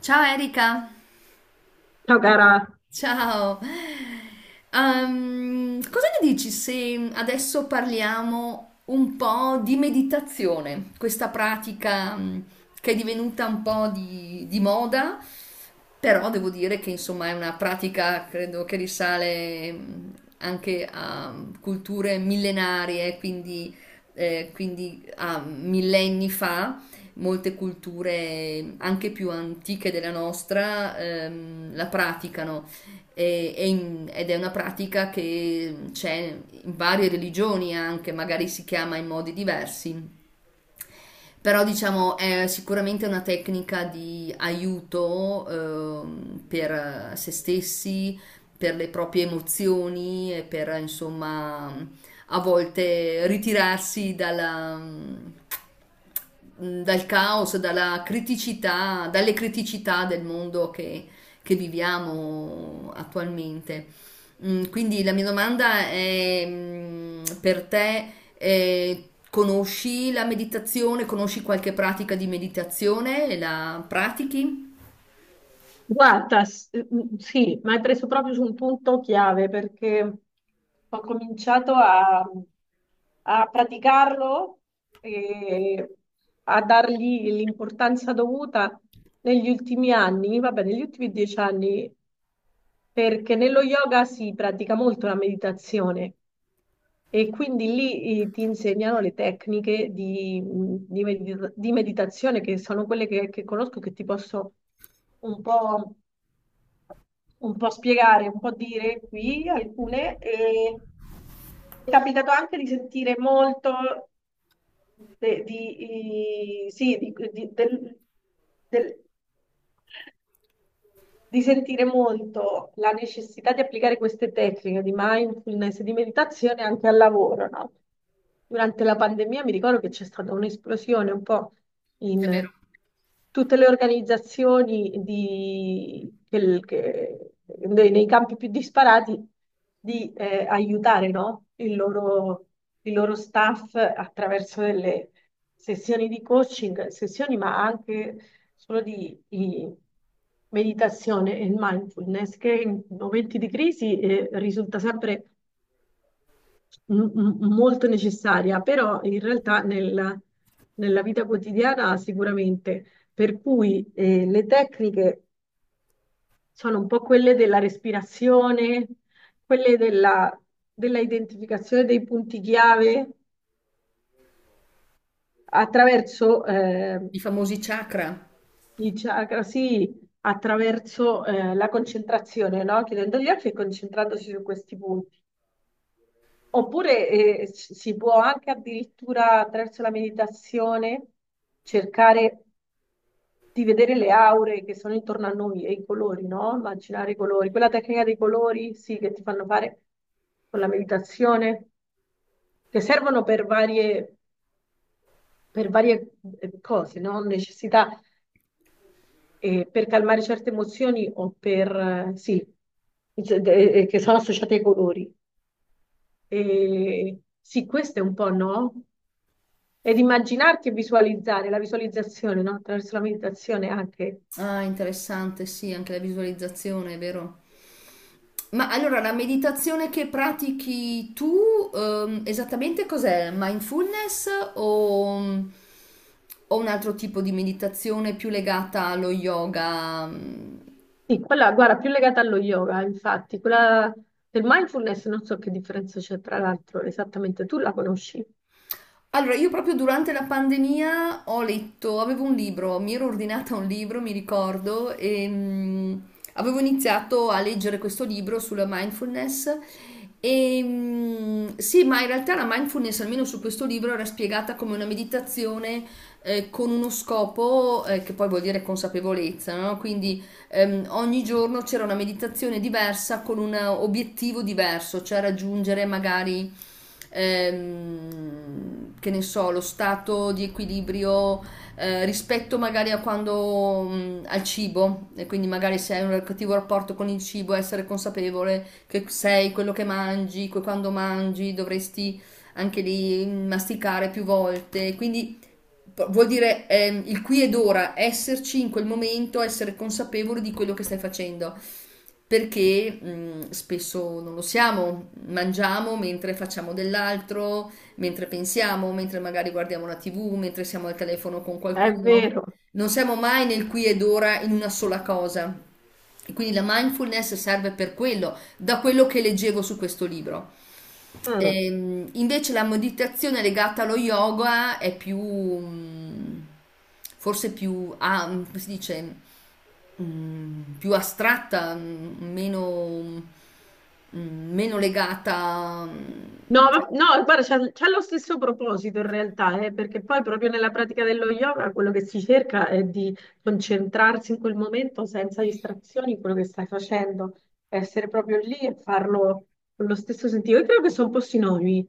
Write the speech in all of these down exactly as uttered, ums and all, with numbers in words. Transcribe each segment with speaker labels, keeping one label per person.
Speaker 1: Ciao Erika!
Speaker 2: Ciao cara,
Speaker 1: Ciao. Ehm, cosa ne dici se adesso parliamo un po' di meditazione, questa pratica mh, che è divenuta un po' di, di moda, però devo dire che insomma è una pratica credo che risale mh, anche a culture millenarie, quindi, eh, quindi a millenni fa molte culture anche più antiche della nostra ehm, la praticano. E- e in- ed è una pratica che c'è in varie religioni anche, magari si chiama in modi diversi, però diciamo è sicuramente una tecnica di aiuto ehm, per se stessi, per le proprie emozioni e per insomma a volte ritirarsi dalla, mm, dal caos, dalla criticità, dalle criticità del mondo che che viviamo attualmente. Mm, Quindi la mia domanda è, mm, per te, eh, conosci la meditazione? Conosci qualche pratica di meditazione? La pratichi?
Speaker 2: guarda, s- mm, sì, ma hai preso proprio su un punto chiave perché ho cominciato a, a praticarlo e a dargli l'importanza dovuta negli ultimi anni, vabbè, negli ultimi dieci anni, perché nello yoga si pratica molto la meditazione. E quindi lì eh, ti insegnano le tecniche di, mm, di medita- di meditazione, che sono quelle che, che conosco, che ti posso un po', un po' spiegare, un po' dire qui alcune. E mi è capitato anche di sentire molto de- di, eh, sì, di- di- del- del- di sentire molto la necessità di applicare queste tecniche di mindfulness e di meditazione anche al lavoro, no? Durante la pandemia mi ricordo che c'è stata un'esplosione un po'
Speaker 1: È
Speaker 2: in
Speaker 1: vero.
Speaker 2: tutte le organizzazioni di- che- che- nei, nei campi più disparati di eh, aiutare, no? Il loro, il loro staff attraverso delle sessioni di coaching, sessioni ma anche solo di, di meditazione e mindfulness, che in momenti di crisi eh, risulta sempre m- m- molto necessaria, però in realtà nella, nella vita quotidiana sicuramente. Per cui eh, le tecniche sono un po' quelle della respirazione, quelle della, della identificazione dei punti chiave attraverso... eh,
Speaker 1: I famosi chakra.
Speaker 2: i chakra, sì, attraverso eh, la concentrazione, no? Chiudendo gli occhi e concentrandosi su questi punti. Oppure eh, s- si può anche addirittura attraverso la meditazione cercare di vedere le aure che sono intorno a noi e i colori, no? Immaginare i colori. Quella tecnica dei colori, sì, che ti fanno fare con la meditazione, che servono per varie, per varie eh, cose, no? Necessità eh, per calmare certe emozioni o per, eh, sì, Z- de- eh, eh, che sono associate ai colori. Eh, sì, questo è un po' no? Ed immaginarti e visualizzare, la visualizzazione, no? Attraverso la meditazione anche.
Speaker 1: Ah, interessante, sì, anche la visualizzazione, è vero. Ma allora la meditazione che pratichi tu, ehm, esattamente cos'è? Mindfulness o, o un altro tipo di meditazione più legata allo yoga? mm,
Speaker 2: Sì, quella, guarda, più legata allo yoga, infatti, quella del mindfulness non so che differenza c'è tra l'altro esattamente, tu la conosci?
Speaker 1: Allora, io proprio durante la pandemia ho letto, avevo un libro, mi ero ordinata un libro, mi ricordo, e mm, avevo iniziato a leggere questo libro sulla mindfulness. E mm, sì, ma in realtà la mindfulness, almeno su questo libro, era spiegata come una meditazione eh, con uno scopo eh, che poi vuol dire consapevolezza, no? Quindi ehm, ogni giorno c'era una meditazione diversa con un obiettivo diverso, cioè raggiungere magari, ehm, che ne so, lo stato di equilibrio eh, rispetto magari a quando, mh, al cibo, e quindi magari se hai un cattivo rapporto con il cibo, essere consapevole che sei quello che mangi, che quando mangi dovresti anche lì masticare più volte, quindi vuol dire ehm, il qui ed ora, esserci in quel momento, essere consapevoli di quello che stai facendo. Perché mh, spesso non lo siamo, mangiamo mentre facciamo dell'altro, mentre pensiamo, mentre magari guardiamo la ti vu, mentre siamo al telefono con
Speaker 2: È
Speaker 1: qualcuno.
Speaker 2: vero.
Speaker 1: Non siamo mai nel qui ed ora in una sola cosa. E quindi la mindfulness serve per quello, da quello che leggevo su questo libro.
Speaker 2: Mm.
Speaker 1: Ehm, invece la meditazione legata allo yoga è più, mm, forse più, ah, mm, come si dice, mm, più astratta, mm, meno, mm, meno legata. mm,
Speaker 2: No,
Speaker 1: cioè-
Speaker 2: ma- no, guarda, c'ha c'ha lo stesso proposito in realtà, eh, perché poi proprio nella pratica dello yoga quello che si cerca è di concentrarsi in quel momento senza distrazioni in quello che stai facendo, essere proprio lì e farlo con lo stesso sentito. Io credo che sono un po' sinonimi,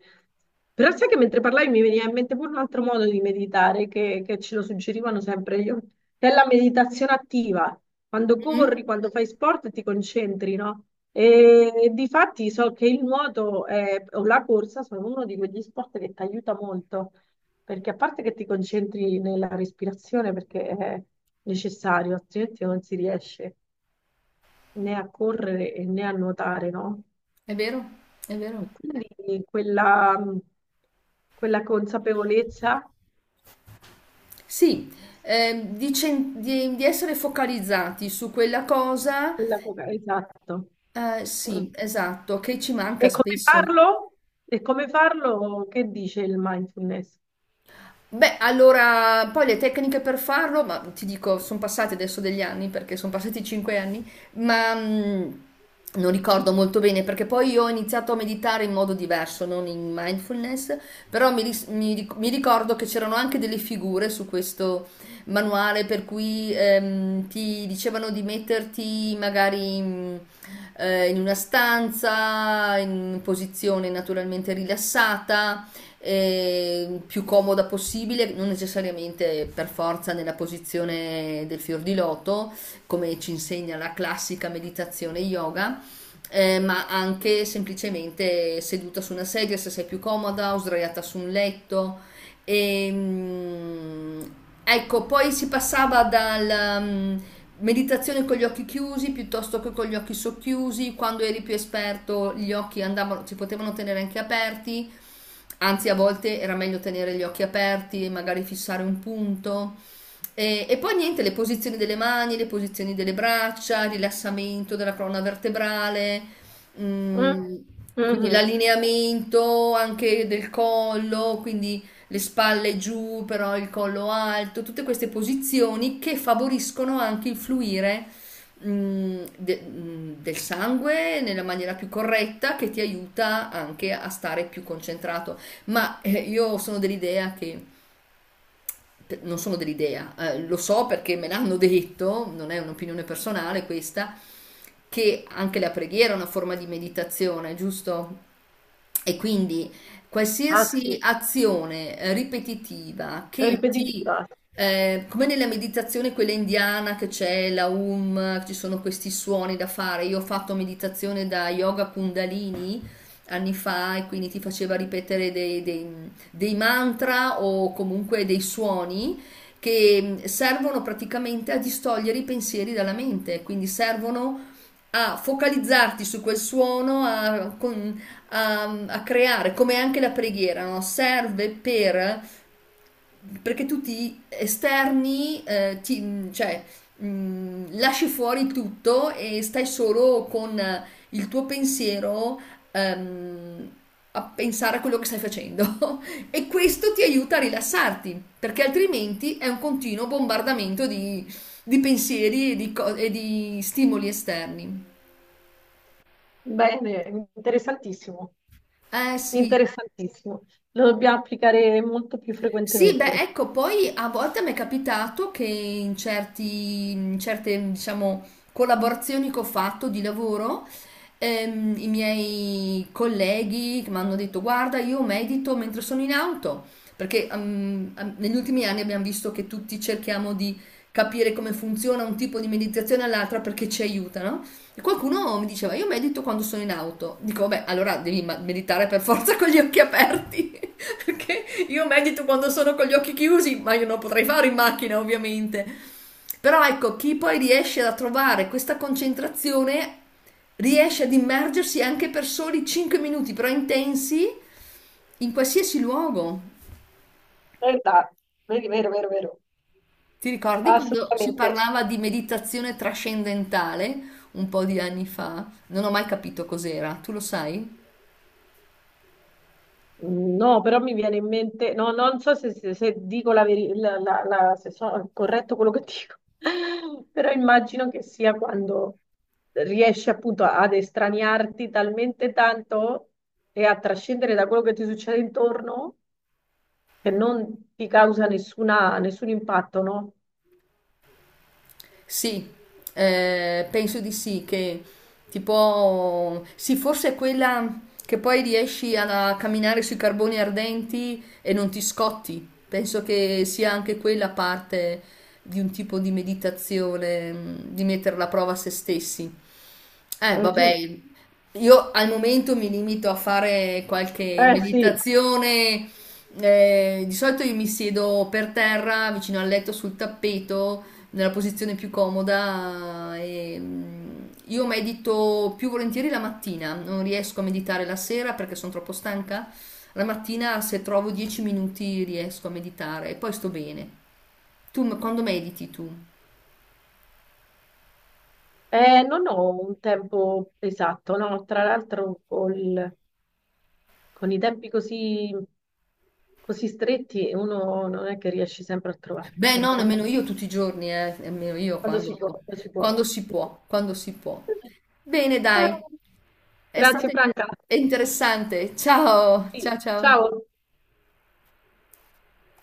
Speaker 2: però sai che mentre parlavi mi veniva in mente pure un altro modo di meditare che, che ce lo suggerivano sempre io, che è la meditazione attiva quando
Speaker 1: Mm,
Speaker 2: corri, quando fai sport ti concentri, no? E difatti so che il nuoto eh, o la corsa sono uno di quegli sport che ti aiuta molto, perché a parte che ti concentri nella respirazione, perché è necessario, altrimenti non si riesce né a correre e né a nuotare, no?
Speaker 1: è vero, è vero.
Speaker 2: E quindi quella, quella consapevolezza,
Speaker 1: Sì, ehm, di, cen- di- di essere focalizzati su quella cosa,
Speaker 2: quella... co- esatto.
Speaker 1: eh,
Speaker 2: Mm.
Speaker 1: sì, esatto, che ci
Speaker 2: E
Speaker 1: manca
Speaker 2: come
Speaker 1: spesso.
Speaker 2: farlo? E come farlo? Che dice il mindfulness?
Speaker 1: Beh, allora, poi le tecniche per farlo, ma ti dico, sono passati adesso degli anni, perché sono passati cinque anni, ma mh, non ricordo molto bene, perché poi io ho iniziato a meditare in modo diverso, non in mindfulness, però mi, ris- mi ric- mi ricordo che c'erano anche delle figure su questo manuale per cui ehm, ti dicevano di metterti magari... mh, eh, in una stanza, in posizione naturalmente rilassata, eh, più comoda possibile, non necessariamente per forza nella posizione del fior di loto, come ci insegna la classica meditazione yoga. Eh, ma anche semplicemente seduta su una sedia se sei più comoda o sdraiata su un letto e, mm, ecco, poi si passava dalla mm, meditazione con gli occhi chiusi piuttosto che con gli occhi socchiusi, quando eri più esperto gli occhi andavano, si potevano tenere anche aperti, anzi a volte era meglio tenere gli occhi aperti e magari fissare un punto. E, e poi niente, le posizioni delle mani, le posizioni delle braccia, il rilassamento della colonna vertebrale,
Speaker 2: Mm,
Speaker 1: mm, quindi
Speaker 2: mhm.
Speaker 1: l'allineamento anche del collo, quindi le spalle giù, però il collo alto, tutte queste posizioni che favoriscono anche il fluire mh, de- mh, del sangue nella maniera più corretta che ti aiuta anche a stare più concentrato. Ma eh, io sono dell'idea che non sono dell'idea, eh, lo so perché me l'hanno detto, non è un'opinione personale questa, che anche la preghiera è una forma di meditazione, giusto? E quindi
Speaker 2: Ah
Speaker 1: qualsiasi
Speaker 2: sì,
Speaker 1: azione eh, ripetitiva che ti,
Speaker 2: ripetitiva.
Speaker 1: eh, come nella meditazione quella indiana che c'è la um, ci sono questi suoni da fare, io ho fatto meditazione da yoga kundalini anni fa e quindi ti faceva ripetere dei, dei- dei mantra o comunque dei suoni che mm, servono praticamente a distogliere i pensieri dalla mente, quindi servono a focalizzarti su quel suono, a, con- a- a creare, come anche la preghiera, no? Serve per perché tu ti esterni, eh, ti- cioè mh, lasci fuori tutto e stai solo con il tuo pensiero ehm, a pensare a quello che stai facendo e questo ti aiuta a rilassarti perché altrimenti è un continuo bombardamento di, di pensieri e di, co- e di stimoli esterni.
Speaker 2: Bene, interessantissimo,
Speaker 1: Eh sì,
Speaker 2: interessantissimo. Lo dobbiamo applicare molto più
Speaker 1: sì, beh,
Speaker 2: frequentemente.
Speaker 1: ecco, poi a volte mi è capitato che in certi, in certe, diciamo, collaborazioni che ho fatto di lavoro, ehm, i miei colleghi che mi hanno detto, guarda, io medito mentre sono in auto, perché ehm, ehm, negli ultimi anni abbiamo visto che tutti cerchiamo di capire come funziona un tipo di meditazione all'altra perché ci aiutano e qualcuno mi diceva, io medito quando sono in auto. Dico, vabbè, allora devi ma- meditare per forza con gli occhi aperti. Perché io medito quando sono con gli occhi chiusi, ma io non potrei fare in macchina, ovviamente. Però ecco, chi poi riesce a trovare questa concentrazione riesce ad immergersi anche per soli cinque minuti, però intensi, in qualsiasi luogo.
Speaker 2: Verità, vero, vero, vero, vero.
Speaker 1: Ti ricordi quando si
Speaker 2: Assolutamente.
Speaker 1: parlava di meditazione trascendentale un po' di anni fa? Non ho mai capito cos'era, tu lo sai?
Speaker 2: No, però mi viene in mente, no, non so se, se- se dico la verità, se sono corretto quello che dico, però immagino che sia quando riesci appunto ad estraniarti talmente tanto e a trascendere da quello che ti succede intorno che non ti causa nessuna- nessun impatto, no?
Speaker 1: Sì, eh, penso di sì, che tipo, sì, forse è quella che poi riesci a camminare sui carboni ardenti e non ti scotti. Penso che sia anche quella parte di un tipo di meditazione, mh, di mettere alla prova se stessi. Eh,
Speaker 2: Mhm.
Speaker 1: vabbè, io al momento mi limito a fare qualche
Speaker 2: Eh sì,
Speaker 1: meditazione. Eh, di solito io mi siedo per terra, vicino al letto, sul tappeto nella posizione più comoda. E, mm, io medito più volentieri la mattina, non riesco a meditare la sera perché sono troppo stanca. La mattina, se trovo dieci minuti, riesco a meditare e poi sto bene. Tu m- quando mediti tu?
Speaker 2: eh, non ho un tempo esatto, no? Tra l'altro col- con i tempi così, così stretti uno non è che riesce sempre a trovarlo,
Speaker 1: Beh,
Speaker 2: però
Speaker 1: no,
Speaker 2: quando,
Speaker 1: nemmeno io tutti i giorni, eh, nemmeno io
Speaker 2: quando si
Speaker 1: quando,
Speaker 2: può, quando si può.
Speaker 1: quando si può, quando si può. Bene,
Speaker 2: Ah,
Speaker 1: dai, è
Speaker 2: grazie
Speaker 1: stato
Speaker 2: Franca.
Speaker 1: interessante. Ciao, ciao,
Speaker 2: Sì,
Speaker 1: ciao.
Speaker 2: ciao.